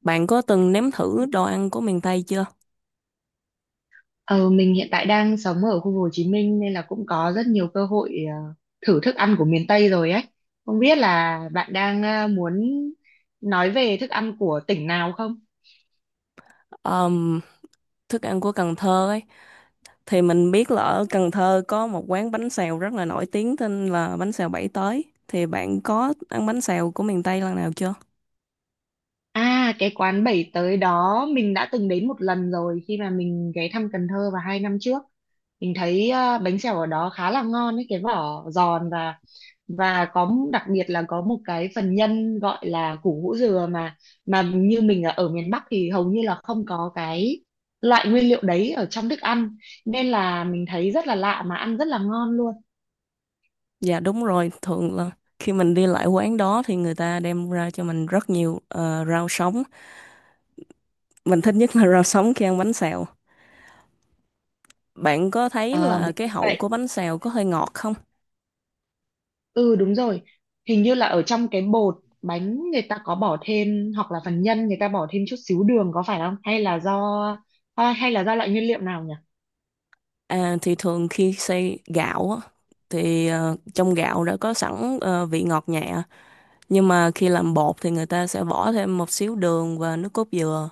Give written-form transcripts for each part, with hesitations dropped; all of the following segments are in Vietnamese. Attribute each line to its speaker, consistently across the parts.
Speaker 1: Bạn có từng nếm thử đồ ăn của miền Tây chưa?
Speaker 2: Ờ, mình hiện tại đang sống ở khu Hồ Chí Minh nên là cũng có rất nhiều cơ hội, thử thức ăn của miền Tây rồi ấy. Không biết là bạn đang muốn nói về thức ăn của tỉnh nào không?
Speaker 1: Ờm, thức ăn của Cần Thơ ấy thì mình biết là ở Cần Thơ có một quán bánh xèo rất là nổi tiếng tên là bánh xèo Bảy Tới. Thì bạn có ăn bánh xèo của miền Tây lần nào chưa?
Speaker 2: À, cái quán bảy tới đó mình đã từng đến một lần rồi khi mà mình ghé thăm Cần Thơ vào hai năm trước. Mình thấy bánh xèo ở đó khá là ngon ấy, cái vỏ giòn và có đặc biệt là có một cái phần nhân gọi là củ hũ dừa mà như mình ở ở miền Bắc thì hầu như là không có cái loại nguyên liệu đấy ở trong thức ăn nên là mình thấy rất là lạ mà ăn rất là ngon luôn.
Speaker 1: Dạ đúng rồi, thường là khi mình đi lại quán đó thì người ta đem ra cho mình rất nhiều rau sống. Mình thích nhất là rau sống khi ăn bánh xèo. Bạn có thấy
Speaker 2: Ờ,
Speaker 1: là
Speaker 2: mình
Speaker 1: cái
Speaker 2: cũng
Speaker 1: hậu
Speaker 2: vậy.
Speaker 1: của bánh xèo có hơi ngọt không?
Speaker 2: Ừ đúng rồi, hình như là ở trong cái bột bánh người ta có bỏ thêm hoặc là phần nhân người ta bỏ thêm chút xíu đường có phải không? Hay là do, hay là do loại nguyên liệu nào nhỉ?
Speaker 1: À, thì thường khi xay gạo á, thì trong gạo đã có sẵn vị ngọt nhẹ, nhưng mà khi làm bột thì người ta sẽ bỏ thêm một xíu đường và nước cốt dừa,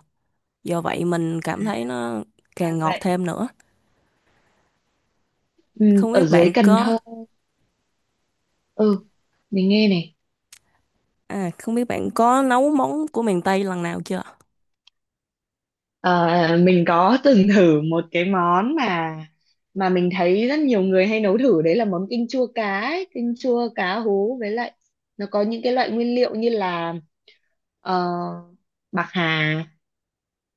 Speaker 1: do vậy mình cảm
Speaker 2: À,
Speaker 1: thấy nó
Speaker 2: ra
Speaker 1: càng ngọt
Speaker 2: vậy.
Speaker 1: thêm nữa.
Speaker 2: Ừ,
Speaker 1: không
Speaker 2: ở
Speaker 1: biết
Speaker 2: dưới
Speaker 1: bạn
Speaker 2: Cần
Speaker 1: có
Speaker 2: Thơ, ừ mình nghe này.
Speaker 1: à không biết bạn có nấu món của miền Tây lần nào chưa?
Speaker 2: Ờ, mình có từng thử một cái món mà mình thấy rất nhiều người hay nấu thử đấy là món kinh chua cá ấy. Kinh chua cá hú với lại nó có những cái loại nguyên liệu như là ờ, bạc hà,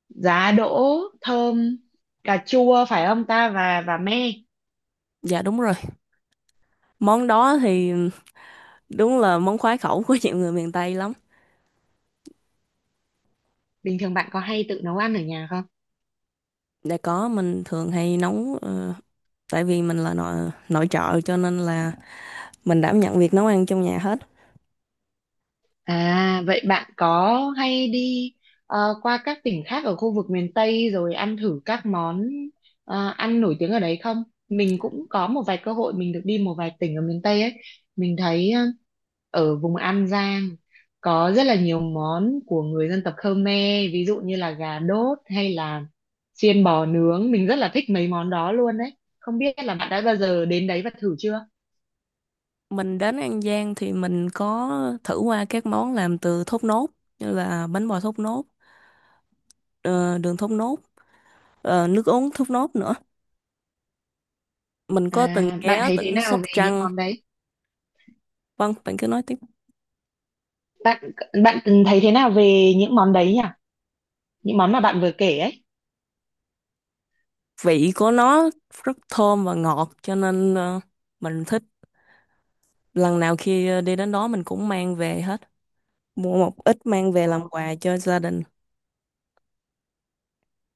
Speaker 2: giá đỗ thơm, cà chua phải không ta và me.
Speaker 1: Dạ đúng rồi, món đó thì đúng là món khoái khẩu của nhiều người miền Tây lắm.
Speaker 2: Bình thường bạn có hay tự nấu ăn ở nhà không?
Speaker 1: Đã có, mình thường hay nấu, tại vì mình là nội nội trợ cho nên là mình đảm nhận việc nấu ăn trong nhà hết.
Speaker 2: À, vậy bạn có hay đi qua các tỉnh khác ở khu vực miền Tây rồi ăn thử các món ăn nổi tiếng ở đấy không? Mình cũng có một vài cơ hội mình được đi một vài tỉnh ở miền Tây ấy. Mình thấy ở vùng An Giang có rất là nhiều món của người dân tộc Khmer, ví dụ như là gà đốt hay là xiên bò nướng. Mình rất là thích mấy món đó luôn đấy. Không biết là bạn đã bao giờ đến đấy và thử chưa?
Speaker 1: Mình đến An Giang thì mình có thử qua các món làm từ thốt nốt, như là bánh bò thốt nốt, ờ, đường thốt nốt, nước uống thốt nốt nữa. Mình có từng
Speaker 2: À, bạn
Speaker 1: ghé
Speaker 2: thấy thế
Speaker 1: tỉnh
Speaker 2: nào
Speaker 1: Sóc
Speaker 2: về những
Speaker 1: Trăng.
Speaker 2: món đấy?
Speaker 1: Vâng, bạn cứ nói tiếp.
Speaker 2: Bạn bạn thấy thế nào về những món đấy nhỉ? Những món mà bạn vừa kể ấy.
Speaker 1: Vị của nó rất thơm và ngọt cho nên mình thích. Lần nào khi đi đến đó mình cũng mang về hết, mua một ít mang về
Speaker 2: Ờ,
Speaker 1: làm quà cho gia đình.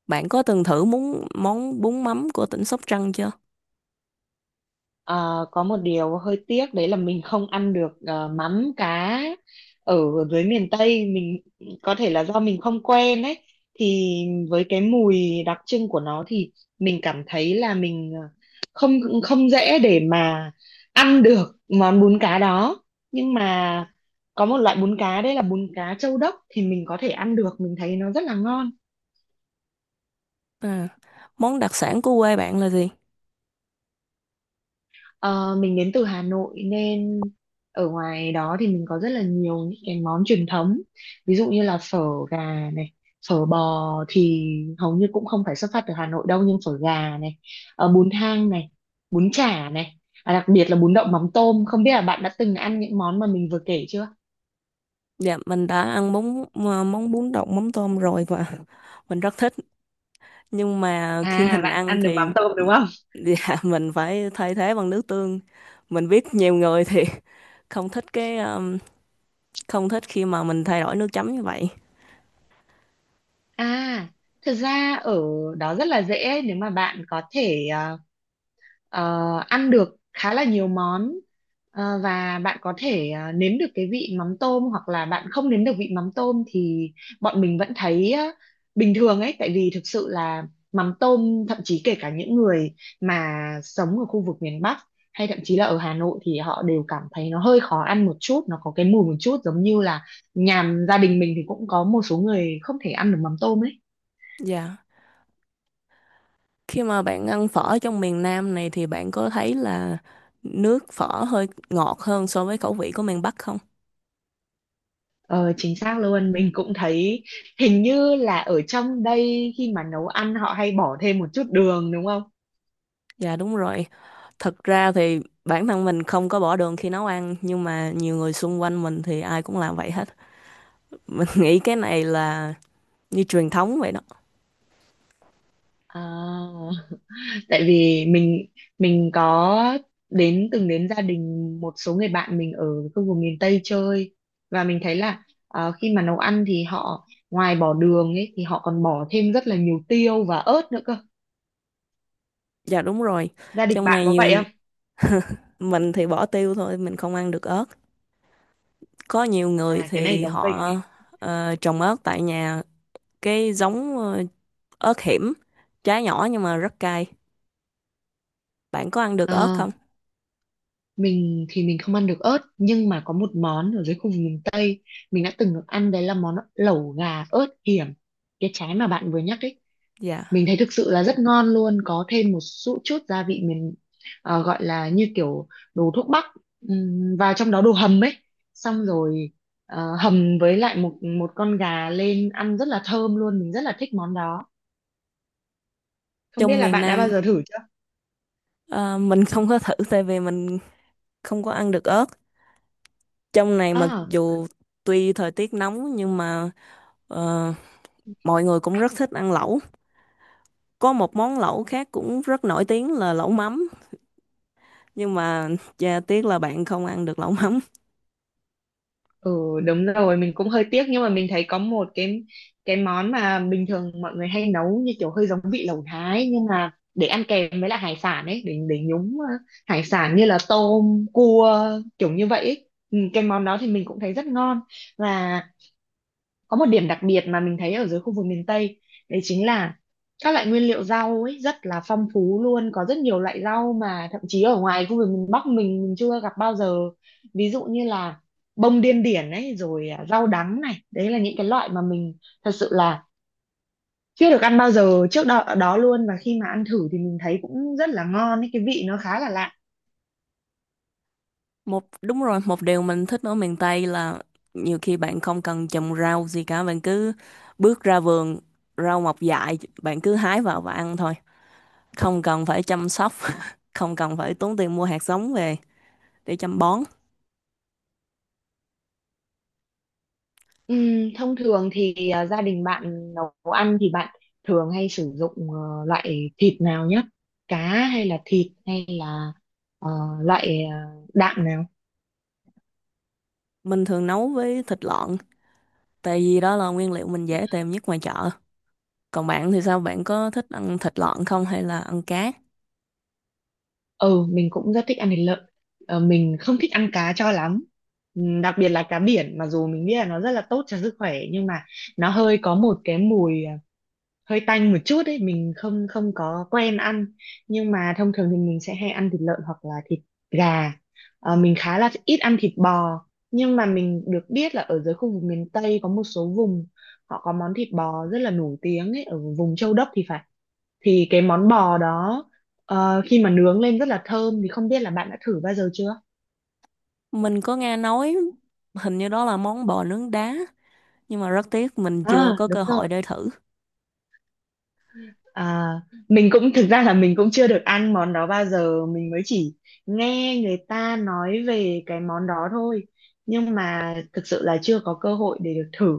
Speaker 1: Bạn có từng thử món món bún mắm của tỉnh Sóc Trăng chưa?
Speaker 2: ờ, có một điều hơi tiếc đấy là mình không ăn được mắm cá ở dưới miền Tây mình, có thể là do mình không quen ấy, thì với cái mùi đặc trưng của nó thì mình cảm thấy là mình không không dễ để mà ăn được món bún cá đó. Nhưng mà có một loại bún cá đấy là bún cá châu đốc thì mình có thể ăn được, mình thấy nó rất là ngon.
Speaker 1: À, món đặc sản của quê bạn là gì?
Speaker 2: Ờ, mình đến từ Hà Nội nên ở ngoài đó thì mình có rất là nhiều những cái món truyền thống, ví dụ như là phở gà này, phở bò thì hầu như cũng không phải xuất phát từ Hà Nội đâu, nhưng phở gà này, bún thang này, bún chả này, à, đặc biệt là bún đậu mắm tôm, không biết là bạn đã từng ăn những món mà mình vừa kể chưa?
Speaker 1: Dạ, mình đã ăn món bún đậu mắm tôm rồi và mình rất thích. Nhưng mà khi
Speaker 2: À,
Speaker 1: mình
Speaker 2: bạn
Speaker 1: ăn
Speaker 2: ăn được
Speaker 1: thì,
Speaker 2: mắm tôm đúng không?
Speaker 1: dạ, mình phải thay thế bằng nước tương. Mình biết nhiều người thì không thích cái không thích khi mà mình thay đổi nước chấm như vậy.
Speaker 2: À, thực ra ở đó rất là dễ nếu mà bạn có thể ờ, ăn được khá là nhiều món. Ờ, và bạn có thể nếm được cái vị mắm tôm hoặc là bạn không nếm được vị mắm tôm thì bọn mình vẫn thấy bình thường ấy, tại vì thực sự là mắm tôm thậm chí kể cả những người mà sống ở khu vực miền Bắc hay thậm chí là ở Hà Nội thì họ đều cảm thấy nó hơi khó ăn một chút, nó có cái mùi một chút giống như là nhà gia đình mình thì cũng có một số người không thể ăn được mắm tôm ấy.
Speaker 1: Dạ. Khi mà bạn ăn phở trong miền Nam này thì bạn có thấy là nước phở hơi ngọt hơn so với khẩu vị của miền Bắc không?
Speaker 2: Ờ, chính xác luôn, mình cũng thấy hình như là ở trong đây khi mà nấu ăn họ hay bỏ thêm một chút đường đúng không?
Speaker 1: Dạ đúng rồi. Thật ra thì bản thân mình không có bỏ đường khi nấu ăn, nhưng mà nhiều người xung quanh mình thì ai cũng làm vậy hết. Mình nghĩ cái này là như truyền thống vậy đó.
Speaker 2: À, tại vì mình có từng đến gia đình một số người bạn mình ở khu vực miền Tây chơi và mình thấy là khi mà nấu ăn thì họ ngoài bỏ đường ấy thì họ còn bỏ thêm rất là nhiều tiêu và ớt nữa cơ.
Speaker 1: Dạ đúng rồi.
Speaker 2: Gia đình
Speaker 1: Trong
Speaker 2: bạn
Speaker 1: này
Speaker 2: có vậy
Speaker 1: nhiều,
Speaker 2: không?
Speaker 1: mình thì bỏ tiêu thôi, mình không ăn được ớt. Có nhiều người
Speaker 2: À, cái này
Speaker 1: thì
Speaker 2: giống
Speaker 1: họ
Speaker 2: mình.
Speaker 1: trồng ớt tại nhà, cái giống ớt hiểm, trái nhỏ nhưng mà rất cay. Bạn có ăn được ớt không?
Speaker 2: Mình thì mình không ăn được ớt nhưng mà có một món ở dưới khu vực miền Tây mình đã từng được ăn đấy là món lẩu gà ớt hiểm. Cái trái mà bạn vừa nhắc ấy,
Speaker 1: Dạ.
Speaker 2: mình thấy thực sự là rất ngon luôn, có thêm một chút chút gia vị mình gọi là như kiểu đồ thuốc bắc, và trong đó đồ hầm ấy. Xong rồi hầm với lại một một con gà lên ăn rất là thơm luôn, mình rất là thích món đó. Không biết
Speaker 1: Trong
Speaker 2: là
Speaker 1: miền
Speaker 2: bạn đã bao
Speaker 1: Nam
Speaker 2: giờ thử chưa?
Speaker 1: ờ, mình không có thử tại vì mình không có ăn được ớt. Trong này mặc dù tuy thời tiết nóng nhưng mà ờ, mọi người cũng rất thích ăn lẩu. Có một món lẩu khác cũng rất nổi tiếng là lẩu mắm. Nhưng mà chà, tiếc là bạn không ăn được lẩu mắm.
Speaker 2: Ừ đúng rồi, mình cũng hơi tiếc nhưng mà mình thấy có một cái món mà bình thường mọi người hay nấu như kiểu hơi giống vị lẩu Thái nhưng mà để ăn kèm với lại hải sản ấy, để nhúng hải sản như là tôm cua, kiểu như vậy ấy. Ừ, cái món đó thì mình cũng thấy rất ngon và có một điểm đặc biệt mà mình thấy ở dưới khu vực miền Tây đấy chính là các loại nguyên liệu rau ấy rất là phong phú luôn, có rất nhiều loại rau mà thậm chí ở ngoài khu vực miền Bắc mình chưa gặp bao giờ, ví dụ như là bông điên điển ấy rồi à, rau đắng này, đấy là những cái loại mà mình thật sự là chưa được ăn bao giờ trước đó, đó luôn, và khi mà ăn thử thì mình thấy cũng rất là ngon ấy, cái vị nó khá là lạ.
Speaker 1: Một đúng rồi, một điều mình thích ở miền Tây là nhiều khi bạn không cần trồng rau gì cả, bạn cứ bước ra vườn, rau mọc dại, bạn cứ hái vào và ăn thôi. Không cần phải chăm sóc, không cần phải tốn tiền mua hạt giống về để chăm bón.
Speaker 2: Thông thường thì à, gia đình bạn nấu ăn thì bạn thường hay sử dụng loại thịt nào nhất? Cá hay là thịt hay là ờ, loại đạm nào?
Speaker 1: Mình thường nấu với thịt lợn, tại vì đó là nguyên liệu mình dễ tìm nhất ngoài chợ. Còn bạn thì sao, bạn có thích ăn thịt lợn không hay là ăn cá?
Speaker 2: Ừ, mình cũng rất thích ăn thịt lợn. Ờ, mình không thích ăn cá cho lắm. Đặc biệt là cá biển, mặc dù mình biết là nó rất là tốt cho sức khỏe nhưng mà nó hơi có một cái mùi, hơi tanh một chút ấy, mình không không có quen ăn. Nhưng mà thông thường thì mình sẽ hay ăn thịt lợn hoặc là thịt gà. Ờ, mình khá là ít ăn thịt bò, nhưng mà mình được biết là ở dưới khu vực miền Tây có một số vùng họ có món thịt bò rất là nổi tiếng ấy, ở vùng Châu Đốc thì phải. Thì cái món bò đó, ờ, khi mà nướng lên rất là thơm, thì không biết là bạn đã thử bao giờ chưa?
Speaker 1: Mình có nghe nói hình như đó là món bò nướng đá, nhưng mà rất tiếc mình
Speaker 2: À,
Speaker 1: chưa có cơ
Speaker 2: đúng
Speaker 1: hội
Speaker 2: rồi.
Speaker 1: để thử.
Speaker 2: À, mình cũng thực ra là mình cũng chưa được ăn món đó bao giờ, mình mới chỉ nghe người ta nói về cái món đó thôi nhưng mà thực sự là chưa có cơ hội để được thử.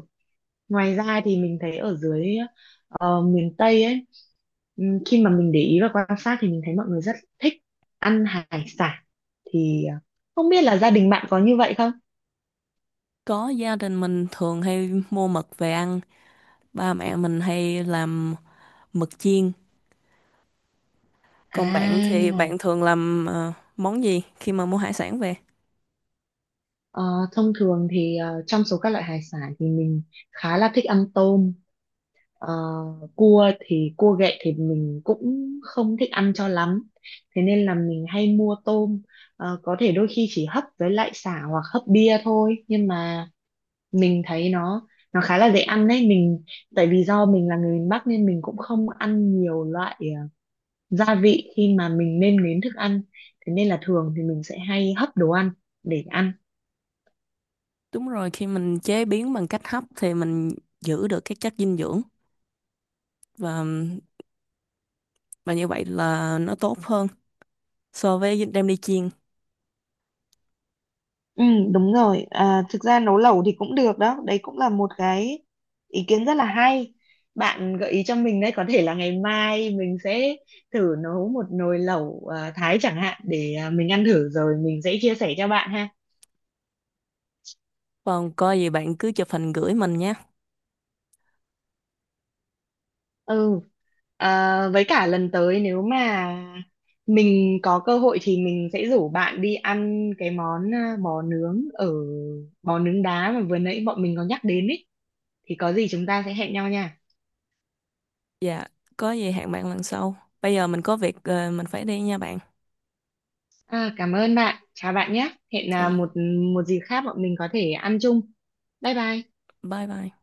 Speaker 2: Ngoài ra thì mình thấy ở dưới miền Tây ấy, khi mà mình để ý và quan sát thì mình thấy mọi người rất thích ăn hải sản, thì không biết là gia đình bạn có như vậy không?
Speaker 1: Có, gia đình mình thường hay mua mực về ăn, ba mẹ mình hay làm mực chiên. Còn bạn thì
Speaker 2: À.
Speaker 1: bạn thường làm món gì khi mà mua hải sản về?
Speaker 2: Ờ, Thông thường thì trong số các loại hải sản thì mình khá là thích ăn tôm. Ờ, cua thì cua ghẹ thì mình cũng không thích ăn cho lắm. Thế nên là mình hay mua tôm. Ờ, có thể đôi khi chỉ hấp với lại sả hoặc hấp bia thôi. Nhưng mà mình thấy nó khá là dễ ăn đấy. Mình tại vì do mình là người miền Bắc nên mình cũng không ăn nhiều loại gia vị khi mà mình nêm nếm thức ăn. Thế nên là thường thì mình sẽ hay hấp đồ ăn để ăn.
Speaker 1: Đúng rồi, khi mình chế biến bằng cách hấp thì mình giữ được các chất dinh dưỡng, và và như vậy là nó tốt hơn so với đem đi chiên.
Speaker 2: Ừ, đúng rồi. À, thực ra nấu lẩu thì cũng được đó. Đấy cũng là một cái ý kiến rất là hay. Bạn gợi ý cho mình đấy, có thể là ngày mai mình sẽ thử nấu một nồi lẩu Thái chẳng hạn để à, mình ăn thử rồi mình sẽ chia sẻ cho bạn ha.
Speaker 1: Còn có gì bạn cứ chụp hình gửi mình nhé.
Speaker 2: Ừ, à, với cả lần tới nếu mà mình có cơ hội thì mình sẽ rủ bạn đi ăn cái món bò nướng ở bò nướng đá mà vừa nãy bọn mình có nhắc đến ấy. Thì có gì chúng ta sẽ hẹn nhau nha.
Speaker 1: Dạ, có gì hẹn bạn lần sau. Bây giờ mình có việc, mình phải đi nha bạn.
Speaker 2: À, cảm ơn bạn. Chào bạn nhé. Hẹn
Speaker 1: Chào
Speaker 2: à,
Speaker 1: bạn.
Speaker 2: một một dịp khác bọn mình có thể ăn chung. Bye bye.
Speaker 1: Bye bye.